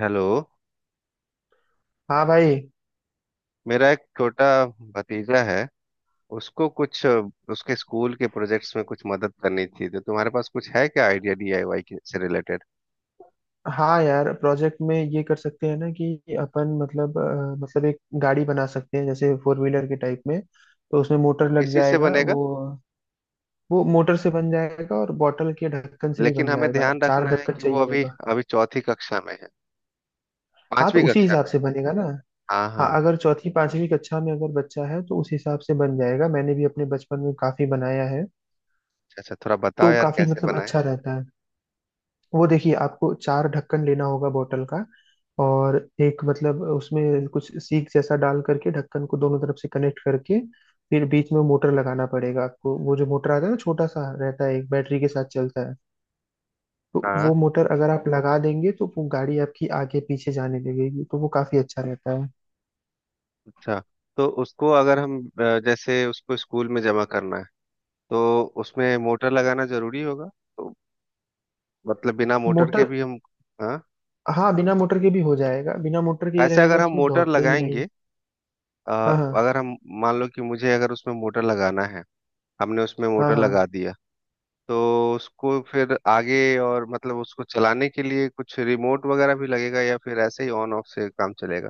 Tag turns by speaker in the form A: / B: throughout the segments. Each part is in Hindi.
A: हेलो।
B: हाँ भाई।
A: मेरा एक छोटा भतीजा है। उसको कुछ उसके स्कूल के प्रोजेक्ट्स में कुछ मदद करनी थी, तो तुम्हारे पास कुछ है क्या आइडिया डीआईवाई के से रिलेटेड?
B: हाँ यार, प्रोजेक्ट में ये कर सकते हैं ना कि अपन मतलब एक गाड़ी बना सकते हैं, जैसे फोर व्हीलर के टाइप में। तो उसमें
A: वो
B: मोटर लग
A: किसी से
B: जाएगा,
A: बनेगा?
B: वो मोटर से बन जाएगा और बॉटल के ढक्कन से भी
A: लेकिन
B: बन
A: हमें
B: जाएगा,
A: ध्यान
B: चार
A: रखना है
B: ढक्कन
A: कि वो
B: चाहिए
A: अभी
B: होगा।
A: अभी चौथी कक्षा में है,
B: हाँ, तो
A: पांचवी
B: उसी
A: कक्षा
B: हिसाब
A: में है।
B: से बनेगा ना।
A: हाँ,
B: हाँ,
A: हाँ।
B: अगर चौथी पांचवी कक्षा में अगर बच्चा है तो उस हिसाब से बन जाएगा। मैंने भी अपने बचपन में काफी बनाया है।
A: अच्छा अच्छा, थोड़ा बताओ
B: तो
A: यार,
B: काफी
A: कैसे
B: मतलब
A: बनाए?
B: अच्छा रहता है। वो देखिए, आपको चार ढक्कन लेना होगा बोतल का, और एक मतलब उसमें कुछ सीक जैसा डाल करके ढक्कन को दोनों तरफ से कनेक्ट करके फिर बीच में मोटर लगाना पड़ेगा आपको। वो जो मोटर आता है ना, छोटा सा रहता है, एक बैटरी के साथ चलता है। तो वो
A: हाँ,
B: मोटर अगर आप लगा देंगे तो वो गाड़ी आपकी आगे पीछे जाने लगेगी, तो वो काफी अच्छा रहता है।
A: अच्छा। तो उसको अगर हम जैसे उसको स्कूल में जमा करना है, तो उसमें मोटर लगाना जरूरी होगा? तो मतलब बिना मोटर के
B: मोटर।
A: भी हम? हाँ।
B: हाँ, बिना मोटर के भी हो जाएगा। बिना मोटर के ये
A: ऐसे अगर
B: रहेगा
A: हम
B: कि वो
A: मोटर
B: दौड़े ही नहीं।
A: लगाएंगे? अ,
B: हाँ हाँ।
A: अगर हम मान लो कि मुझे अगर उसमें मोटर लगाना है, हमने उसमें
B: हाँ
A: मोटर
B: हाँ।
A: लगा दिया, तो उसको फिर आगे और मतलब उसको चलाने के लिए कुछ रिमोट वगैरह भी लगेगा, या फिर ऐसे ही ऑन ऑफ से काम चलेगा?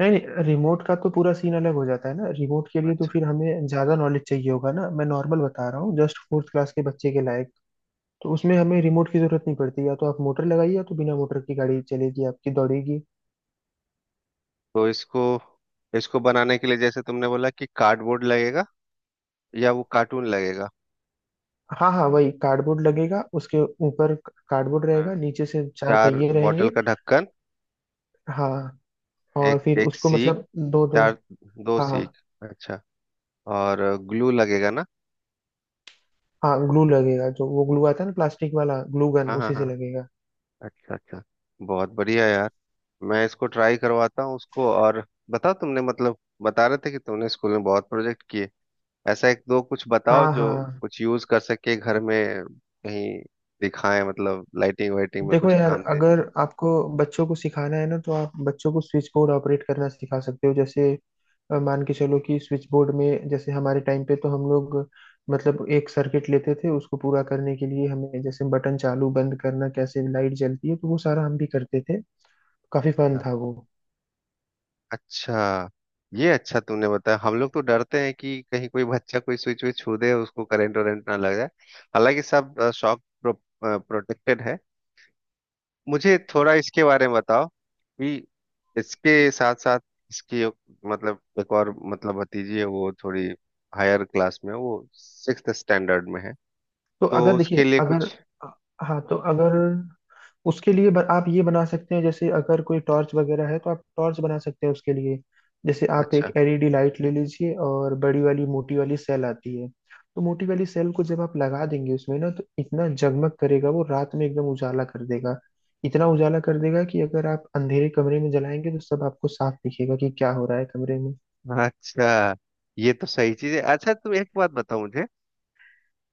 B: नहीं नहीं, रिमोट का तो पूरा सीन अलग हो जाता है ना। रिमोट के लिए तो
A: अच्छा।
B: फिर हमें ज्यादा नॉलेज चाहिए होगा ना। मैं नॉर्मल बता रहा हूँ, जस्ट फोर्थ क्लास के बच्चे के लायक। तो उसमें हमें रिमोट की जरूरत नहीं पड़ती। या तो आप मोटर लगाइए, या तो बिना मोटर की गाड़ी चलेगी आपकी, दौड़ेगी।
A: तो इसको इसको बनाने के लिए जैसे तुमने बोला कि कार्डबोर्ड लगेगा, या वो कार्टून लगेगा?
B: हाँ हाँ, वही कार्डबोर्ड लगेगा, उसके ऊपर कार्डबोर्ड
A: हाँ।
B: रहेगा, नीचे से चार
A: चार
B: पहिए रहेंगे।
A: बॉटल का ढक्कन।
B: हाँ। और
A: एक
B: फिर
A: एक
B: उसको
A: सीख।
B: मतलब दो दो।
A: चार, दो
B: हाँ।
A: सीख। अच्छा। और ग्लू लगेगा ना?
B: हाँ, ग्लू लगेगा। जो वो ग्लू आता है ना, प्लास्टिक वाला ग्लू गन,
A: हाँ, हाँ,
B: उसी से
A: हाँ।
B: लगेगा।
A: अच्छा अच्छा, बहुत बढ़िया यार। मैं इसको ट्राई करवाता हूँ उसको। और बताओ, तुमने मतलब बता रहे थे कि तुमने स्कूल में बहुत प्रोजेक्ट किए। ऐसा एक दो कुछ बताओ
B: हाँ
A: जो
B: हाँ।
A: कुछ यूज कर सके घर में, कहीं दिखाएं, मतलब लाइटिंग वाइटिंग में
B: देखो
A: कुछ
B: यार,
A: काम दे।
B: अगर आपको बच्चों को सिखाना है ना, तो आप बच्चों को स्विच बोर्ड ऑपरेट करना सिखा सकते हो। जैसे मान के चलो कि स्विच बोर्ड में जैसे हमारे टाइम पे तो हम लोग मतलब एक सर्किट लेते थे। उसको पूरा करने के लिए हमें जैसे बटन चालू बंद करना, कैसे लाइट जलती है, तो वो सारा हम भी करते थे। काफी फन
A: अच्छा।
B: था वो।
A: अच्छा, ये अच्छा तुमने बताया। हम लोग तो डरते हैं कि कहीं कोई बच्चा कोई स्विच विच छू दे, उसको करंट वरेंट ना लग जाए। हालांकि सब शॉक प्रोटेक्टेड है। मुझे थोड़ा इसके बारे में बताओ कि इसके साथ साथ इसकी मतलब एक और मतलब भतीजी है, वो थोड़ी हायर क्लास में है, वो सिक्स्थ स्टैंडर्ड में है।
B: तो
A: तो
B: अगर
A: उसके
B: देखिए
A: लिए कुछ?
B: अगर हाँ, तो अगर उसके लिए आप ये बना सकते हैं, जैसे अगर कोई टॉर्च वगैरह है तो आप टॉर्च बना सकते हैं उसके लिए। जैसे आप एक
A: अच्छा
B: एलईडी लाइट ले लीजिए, और बड़ी वाली मोटी वाली सेल आती है। तो मोटी वाली सेल को जब आप लगा देंगे उसमें ना, तो इतना जगमग करेगा वो, रात में एकदम उजाला कर देगा। इतना उजाला कर देगा कि अगर आप अंधेरे कमरे में जलाएंगे तो सब आपको साफ दिखेगा कि क्या हो रहा है कमरे में।
A: अच्छा, ये तो सही चीज है। अच्छा, तुम एक बात बताओ मुझे।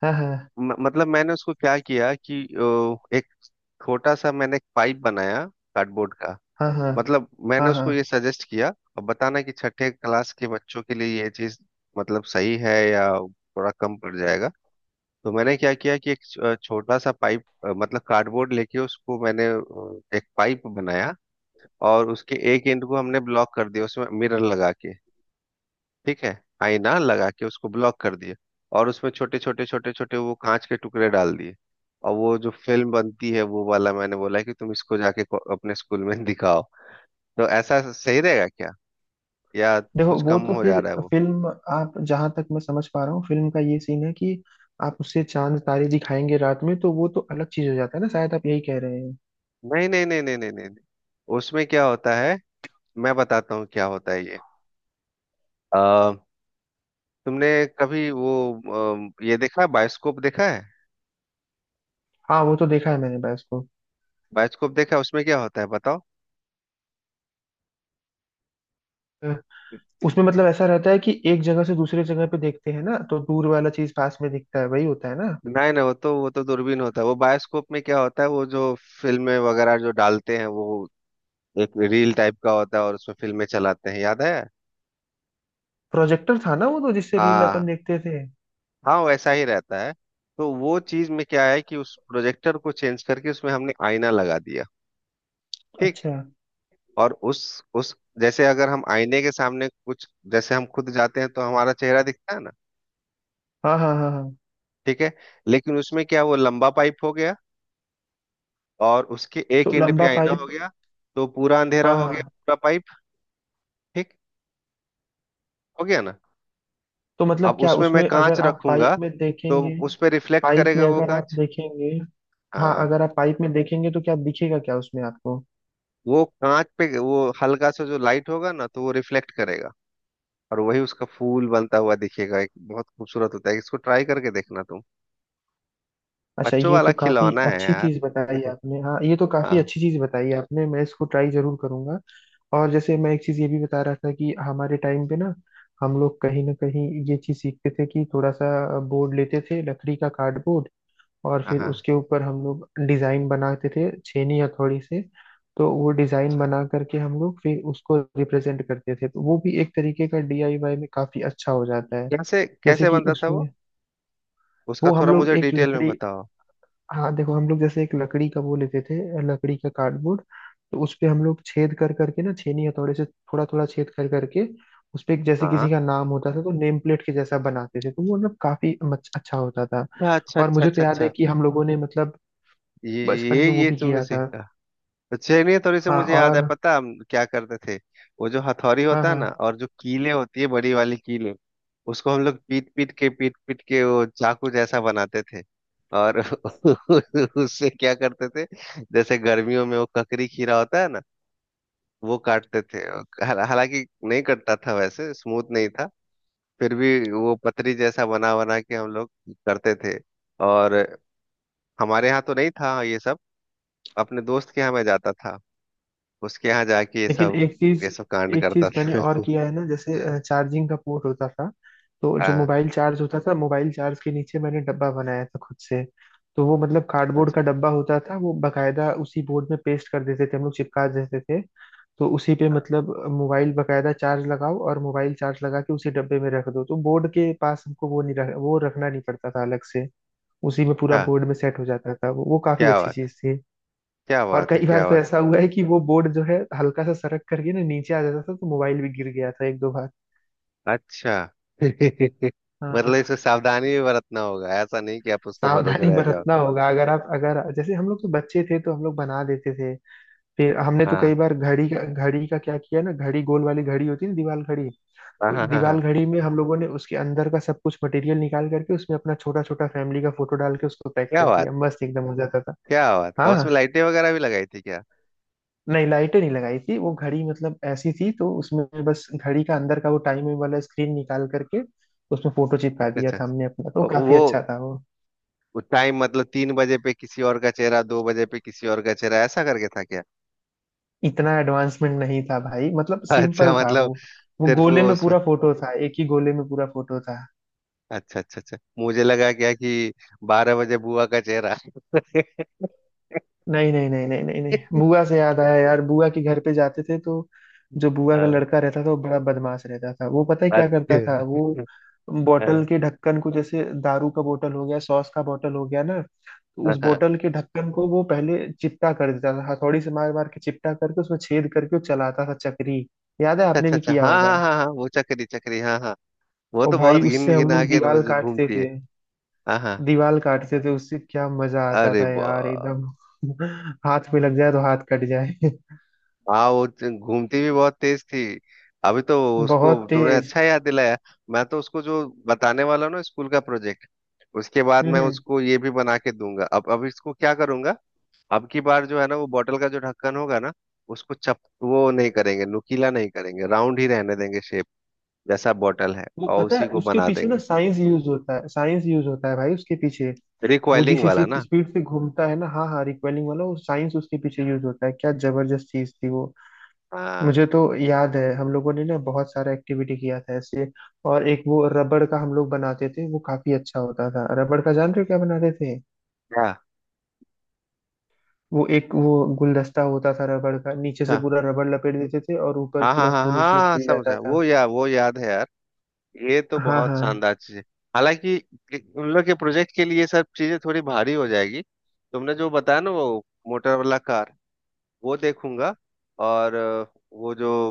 B: हाँ हाँ।
A: मतलब मैंने उसको क्या किया कि एक छोटा सा मैंने एक पाइप बनाया, कार्डबोर्ड का।
B: हाँ हाँ।
A: मतलब मैंने
B: हाँ हाँ।
A: उसको ये सजेस्ट किया। अब बताना कि छठे क्लास के बच्चों के लिए ये चीज मतलब सही है, या थोड़ा कम पड़ जाएगा? तो मैंने क्या किया कि एक छोटा सा पाइप मतलब कार्डबोर्ड लेके उसको मैंने एक पाइप बनाया। और उसके एक एंड को हमने ब्लॉक कर दिया, उसमें मिरर लगा के। ठीक है, आईना लगा के उसको ब्लॉक कर दिया। और उसमें छोटे छोटे छोटे छोटे वो कांच के टुकड़े डाल दिए। और वो जो फिल्म बनती है वो वाला, मैंने बोला कि तुम इसको जाके अपने स्कूल में दिखाओ। तो ऐसा सही रहेगा क्या, या
B: देखो,
A: कुछ
B: वो
A: कम
B: तो
A: हो जा
B: फिर
A: रहा है वो?
B: फिल्म, आप जहां तक मैं समझ पा रहा हूँ फिल्म का ये सीन है कि आप उससे चांद तारे दिखाएंगे रात में, तो वो तो अलग चीज हो जाता है ना, शायद आप यही कह रहे हैं।
A: नहीं नहीं नहीं नहीं नहीं नहीं नहीं। उसमें क्या होता है, मैं बताता हूँ क्या होता है ये। अ, तुमने कभी वो ये देखा है, बायोस्कोप देखा है?
B: हाँ, वो तो देखा है मैंने बस को।
A: बायोस्कोप देखा है, उसमें क्या होता है बताओ?
B: अ, उसमें मतलब ऐसा रहता है कि एक जगह से दूसरे जगह पे देखते हैं ना, तो दूर वाला चीज पास में दिखता है, वही होता है ना।
A: नहीं नहीं, वो तो दूरबीन होता है। वो बायोस्कोप में क्या होता है, वो जो फिल्में वगैरह जो डालते हैं, वो एक रील टाइप का होता है और उसमें फिल्में चलाते हैं, याद है?
B: प्रोजेक्टर था ना वो तो, जिससे रील अपन
A: हाँ,
B: देखते थे।
A: हाँ, वैसा ही रहता है। तो वो चीज में क्या है कि उस प्रोजेक्टर को चेंज करके उसमें हमने आईना लगा दिया। ठीक।
B: अच्छा।
A: और उस जैसे अगर हम आईने के सामने कुछ, जैसे हम खुद जाते हैं तो हमारा चेहरा दिखता है ना?
B: हाँ हाँ। हाँ हाँ।
A: ठीक है। लेकिन उसमें क्या, वो लंबा पाइप हो गया और उसके एक
B: तो
A: एंड पे
B: लंबा
A: आईना हो
B: पाइप।
A: गया, तो पूरा अंधेरा
B: हाँ
A: हो गया
B: हाँ।
A: पूरा पाइप। ठीक हो गया ना?
B: तो मतलब
A: अब
B: क्या
A: उसमें मैं
B: उसमें
A: कांच
B: अगर आप पाइप
A: रखूंगा,
B: में
A: तो
B: देखेंगे।
A: उस पे रिफ्लेक्ट
B: पाइप
A: करेगा
B: में
A: वो
B: अगर आप
A: कांच।
B: देखेंगे। हाँ,
A: हाँ,
B: अगर आप पाइप में देखेंगे तो क्या दिखेगा क्या उसमें आपको।
A: वो कांच पे वो हल्का सा जो लाइट होगा ना, तो वो रिफ्लेक्ट करेगा। और वही उसका फूल बनता हुआ दिखेगा, एक बहुत खूबसूरत होता है, इसको ट्राई करके देखना तुम।
B: अच्छा,
A: बच्चों
B: ये
A: वाला
B: तो काफी
A: खिलौना है
B: अच्छी
A: यार।
B: चीज बताई आपने। हाँ, ये तो काफी
A: हाँ,
B: अच्छी चीज बताई आपने, मैं इसको ट्राई जरूर करूंगा। और जैसे मैं एक चीज ये भी बता रहा था कि हमारे टाइम पे ना हम लोग कहीं ना कहीं ये चीज सीखते थे कि थोड़ा सा बोर्ड लेते थे लकड़ी का, कार्डबोर्ड, और
A: हाँ,
B: फिर
A: हाँ।
B: उसके ऊपर हम लोग डिजाइन बनाते थे छेनी हथौड़ी से। तो वो डिजाइन बना करके हम लोग फिर उसको रिप्रेजेंट करते थे। तो वो भी एक तरीके का डीआईवाई में काफी अच्छा हो जाता है।
A: कैसे
B: जैसे
A: कैसे
B: कि
A: बनता था वो?
B: उसमें
A: उसका
B: वो हम
A: थोड़ा
B: लोग
A: मुझे
B: एक
A: डिटेल में
B: लकड़ी
A: बताओ।
B: हाँ, देखो, हम लोग जैसे एक लकड़ी का वो लेते थे, लकड़ी का कार्डबोर्ड। तो उस पे हम लोग छेद कर करके ना, छेनी हथौड़े से थोड़ा थोड़ा छेद कर करके, उस पे एक जैसे
A: हाँ,
B: किसी का नाम होता था तो नेम प्लेट के जैसा बनाते थे। तो वो मतलब काफी अच्छा होता था।
A: अच्छा अच्छा
B: और मुझे तो
A: अच्छा अच्छा
B: याद है
A: अच्छा।
B: कि हम लोगों ने मतलब
A: ये
B: बचपन
A: ये
B: में वो
A: ये
B: भी
A: तुमने
B: किया था।
A: सीखा? तो चलिए, थोड़ी सी
B: हाँ
A: मुझे याद है,
B: और।
A: पता है हम क्या करते थे? वो जो हथौड़ी
B: हाँ
A: होता है ना,
B: हाँ।
A: और जो कीले होती है, बड़ी वाली कीले, उसको हम लोग पीट पीट के, पीट पीट के वो चाकू जैसा बनाते थे। और उससे क्या करते थे, जैसे गर्मियों में वो ककड़ी खीरा होता है ना, वो काटते थे। हालांकि नहीं कटता था, वैसे स्मूथ नहीं था। फिर भी वो पतरी जैसा बना बना के हम लोग करते थे। और हमारे यहाँ तो नहीं था ये सब, अपने दोस्त के यहाँ मैं जाता था, उसके यहाँ जाके ये
B: लेकिन
A: सब,
B: एक
A: ये
B: चीज
A: सब कांड
B: एक
A: करता
B: चीज मैंने
A: था।
B: और किया है ना, जैसे चार्जिंग का पोर्ट होता था। तो जो
A: हाँ,
B: मोबाइल चार्ज होता था, मोबाइल चार्ज के नीचे मैंने डब्बा बनाया था खुद से। तो वो मतलब कार्डबोर्ड
A: अच्छा
B: का
A: अच्छा,
B: डब्बा होता था, वो बकायदा उसी बोर्ड में पेस्ट कर देते थे हम लोग, चिपका देते थे। तो उसी पे मतलब मोबाइल बकायदा चार्ज लगाओ, और मोबाइल चार्ज लगा के उसी डब्बे में रख दो, तो बोर्ड के पास हमको वो नहीं वो रखना नहीं पड़ता था अलग से। उसी में पूरा
A: हाँ।
B: बोर्ड में सेट हो जाता था वो काफी
A: क्या
B: अच्छी
A: बात है,
B: चीज थी।
A: क्या
B: और
A: बात है,
B: कई बार
A: क्या
B: तो
A: बात
B: ऐसा हुआ है कि वो बोर्ड जो है हल्का सा सरक करके ना नीचे आ जाता था, तो मोबाइल भी गिर गया था एक दो बार।
A: है। अच्छा। मतलब
B: हाँ।
A: इसमें सावधानी भी बरतना होगा, ऐसा नहीं कि आप उसके भरोसे
B: सावधानी
A: रह जाओ।
B: बरतना होगा, अगर आप, अगर जैसे हम लोग तो बच्चे थे तो हम लोग बना देते थे। फिर हमने तो कई
A: हाँ,
B: बार घड़ी का क्या किया ना, घड़ी, गोल वाली घड़ी होती है ना, दीवाल घड़ी।
A: हाँ,
B: तो
A: हाँ, हाँ,
B: दीवाल
A: हाँ।
B: घड़ी में हम लोगों ने उसके अंदर का सब कुछ मटेरियल निकाल करके उसमें अपना छोटा छोटा फैमिली का फोटो डाल के उसको पैक
A: क्या
B: कर
A: बात,
B: दिया, मस्त एकदम हो जाता था।
A: क्या बात। और उसमें
B: हाँ।
A: लाइटें वगैरह भी लगाई थी क्या?
B: नहीं, लाइटें नहीं लगाई थी। वो घड़ी मतलब ऐसी थी, तो उसमें बस घड़ी का अंदर का वो टाइमिंग वाला स्क्रीन निकाल करके उसमें फोटो चिपका दिया
A: अच्छा
B: था हमने अपना, तो
A: अच्छा।
B: काफी
A: वो
B: अच्छा था वो।
A: वो टाइम मतलब 3 बजे पे किसी और का चेहरा, 2 बजे पे किसी और का चेहरा, ऐसा करके था क्या?
B: इतना एडवांसमेंट नहीं था भाई, मतलब
A: अच्छा,
B: सिंपल था वो।
A: मतलब
B: वो
A: सिर्फ वो
B: गोले में
A: उसमें।
B: पूरा फोटो था, एक ही गोले में पूरा फोटो था।
A: अच्छा अच्छा अच्छा, मुझे लगा क्या कि 12 बजे बुआ का चेहरा।
B: नहीं नहीं नहीं नहीं नहीं नहीं, बुआ से याद आया यार, बुआ के घर पे जाते थे तो जो बुआ का
A: हाँ,
B: लड़का रहता था वो बड़ा बदमाश रहता था। वो पता है क्या करता था
A: अच्छा।
B: वो, बोतल
A: हाँ,
B: के ढक्कन को, जैसे दारू का बोतल हो गया, सॉस का बोतल हो गया ना, तो उस
A: हाँ,
B: बोतल के ढक्कन को वो पहले चिपटा कर देता था, हथौड़ी से मार मार के चिपटा करके उसमें छेद करके वो चलाता था चक्री। याद है, आपने
A: अच्छा
B: भी
A: अच्छा,
B: किया
A: हाँ,
B: होगा।
A: हाँ, हाँ, हाँ, वो चक्री चक्री, हाँ, हाँ। वो
B: और
A: तो
B: भाई,
A: बहुत घिन
B: उससे हम
A: घिना
B: लोग
A: के
B: दीवार
A: रोज
B: काटते
A: घूमती है।
B: थे।
A: हाँ, हाँ,
B: दीवार काटते थे उससे, क्या मजा आता
A: अरे
B: था
A: बा।
B: यार एकदम। हाथ पे लग जाए तो हाथ कट जाए।
A: हाँ, वो घूमती भी बहुत तेज थी। अभी तो उसको
B: बहुत
A: तुमने
B: तेज।
A: अच्छा याद दिलाया। मैं तो उसको जो बताने वाला हूँ ना, स्कूल का प्रोजेक्ट, उसके बाद मैं
B: हम्म
A: उसको ये भी बना के दूंगा। अब इसको क्या करूंगा, अब की बार जो है ना, वो बॉटल का जो ढक्कन होगा ना, उसको चप वो नहीं करेंगे, नुकीला नहीं करेंगे, राउंड ही रहने देंगे शेप, जैसा बॉटल है
B: वो
A: और
B: पता है
A: उसी को
B: उसके
A: बना
B: पीछे ना
A: देंगे।
B: साइंस यूज होता है, साइंस यूज होता है भाई उसके पीछे। वो जिस
A: रिकॉइलिंग वाला ना?
B: स्पीड से घूमता है ना, हाँ हाँ, रिकॉइलिंग वाला, वो साइंस उसके पीछे यूज होता है, क्या जबरदस्त चीज थी वो।
A: हाँ।
B: मुझे तो याद है हम लोगों ने ना बहुत सारा एक्टिविटी किया था ऐसे। और एक वो रबड़ का हम लोग बनाते थे, वो काफी अच्छा होता था। रबड़ का जानते हो क्या बनाते थे,
A: क्या
B: वो एक वो गुलदस्ता होता था रबड़ का, नीचे
A: अच्छा।
B: से पूरा रबड़ लपेट देते थे और ऊपर
A: हाँ, हाँ,
B: पूरा
A: हाँ,
B: फूल
A: हाँ,
B: उसमें
A: हाँ,
B: खिल जाता
A: समझा
B: था।
A: वो, या वो याद है यार, ये तो
B: हाँ
A: बहुत
B: हाँ।
A: शानदार चीज है। हालांकि उन लोग के प्रोजेक्ट के लिए सब चीजें थोड़ी भारी हो जाएगी। तुमने जो बताया ना वो मोटर वाला कार, वो देखूंगा। और वो जो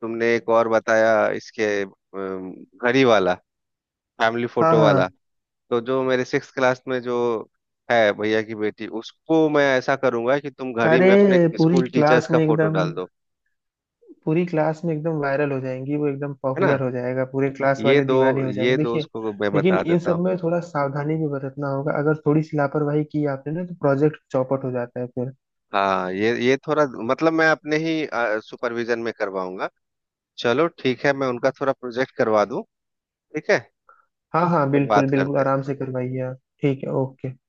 A: तुमने एक और बताया, इसके घड़ी वाला फैमिली
B: हाँ
A: फोटो
B: हाँ
A: वाला।
B: हाँ।
A: तो जो मेरे 6 क्लास में जो है भैया की बेटी, उसको मैं ऐसा करूंगा कि तुम घड़ी में अपने
B: अरे पूरी
A: स्कूल टीचर्स
B: क्लास
A: का
B: में
A: फोटो
B: एकदम,
A: डाल दो।
B: पूरी क्लास में एकदम वायरल हो जाएंगी वो, एकदम
A: है ना?
B: पॉपुलर हो जाएगा, पूरे क्लास
A: ये
B: वाले
A: दो,
B: दीवाने हो
A: ये
B: जाएंगे
A: दो
B: देखिए।
A: उसको मैं
B: लेकिन
A: बता
B: इन
A: देता हूँ।
B: सब में थोड़ा सावधानी भी बरतना होगा, अगर थोड़ी सी लापरवाही की आपने ना तो प्रोजेक्ट चौपट हो जाता है फिर।
A: हाँ, ये थोड़ा मतलब मैं अपने ही सुपरविजन में करवाऊंगा। चलो ठीक है, मैं उनका थोड़ा प्रोजेक्ट करवा दूं, ठीक है,
B: हाँ हाँ,
A: फिर
B: बिल्कुल
A: बात
B: बिल्कुल,
A: करते हैं।
B: आराम से करवाइए आप। ठीक है, ओके।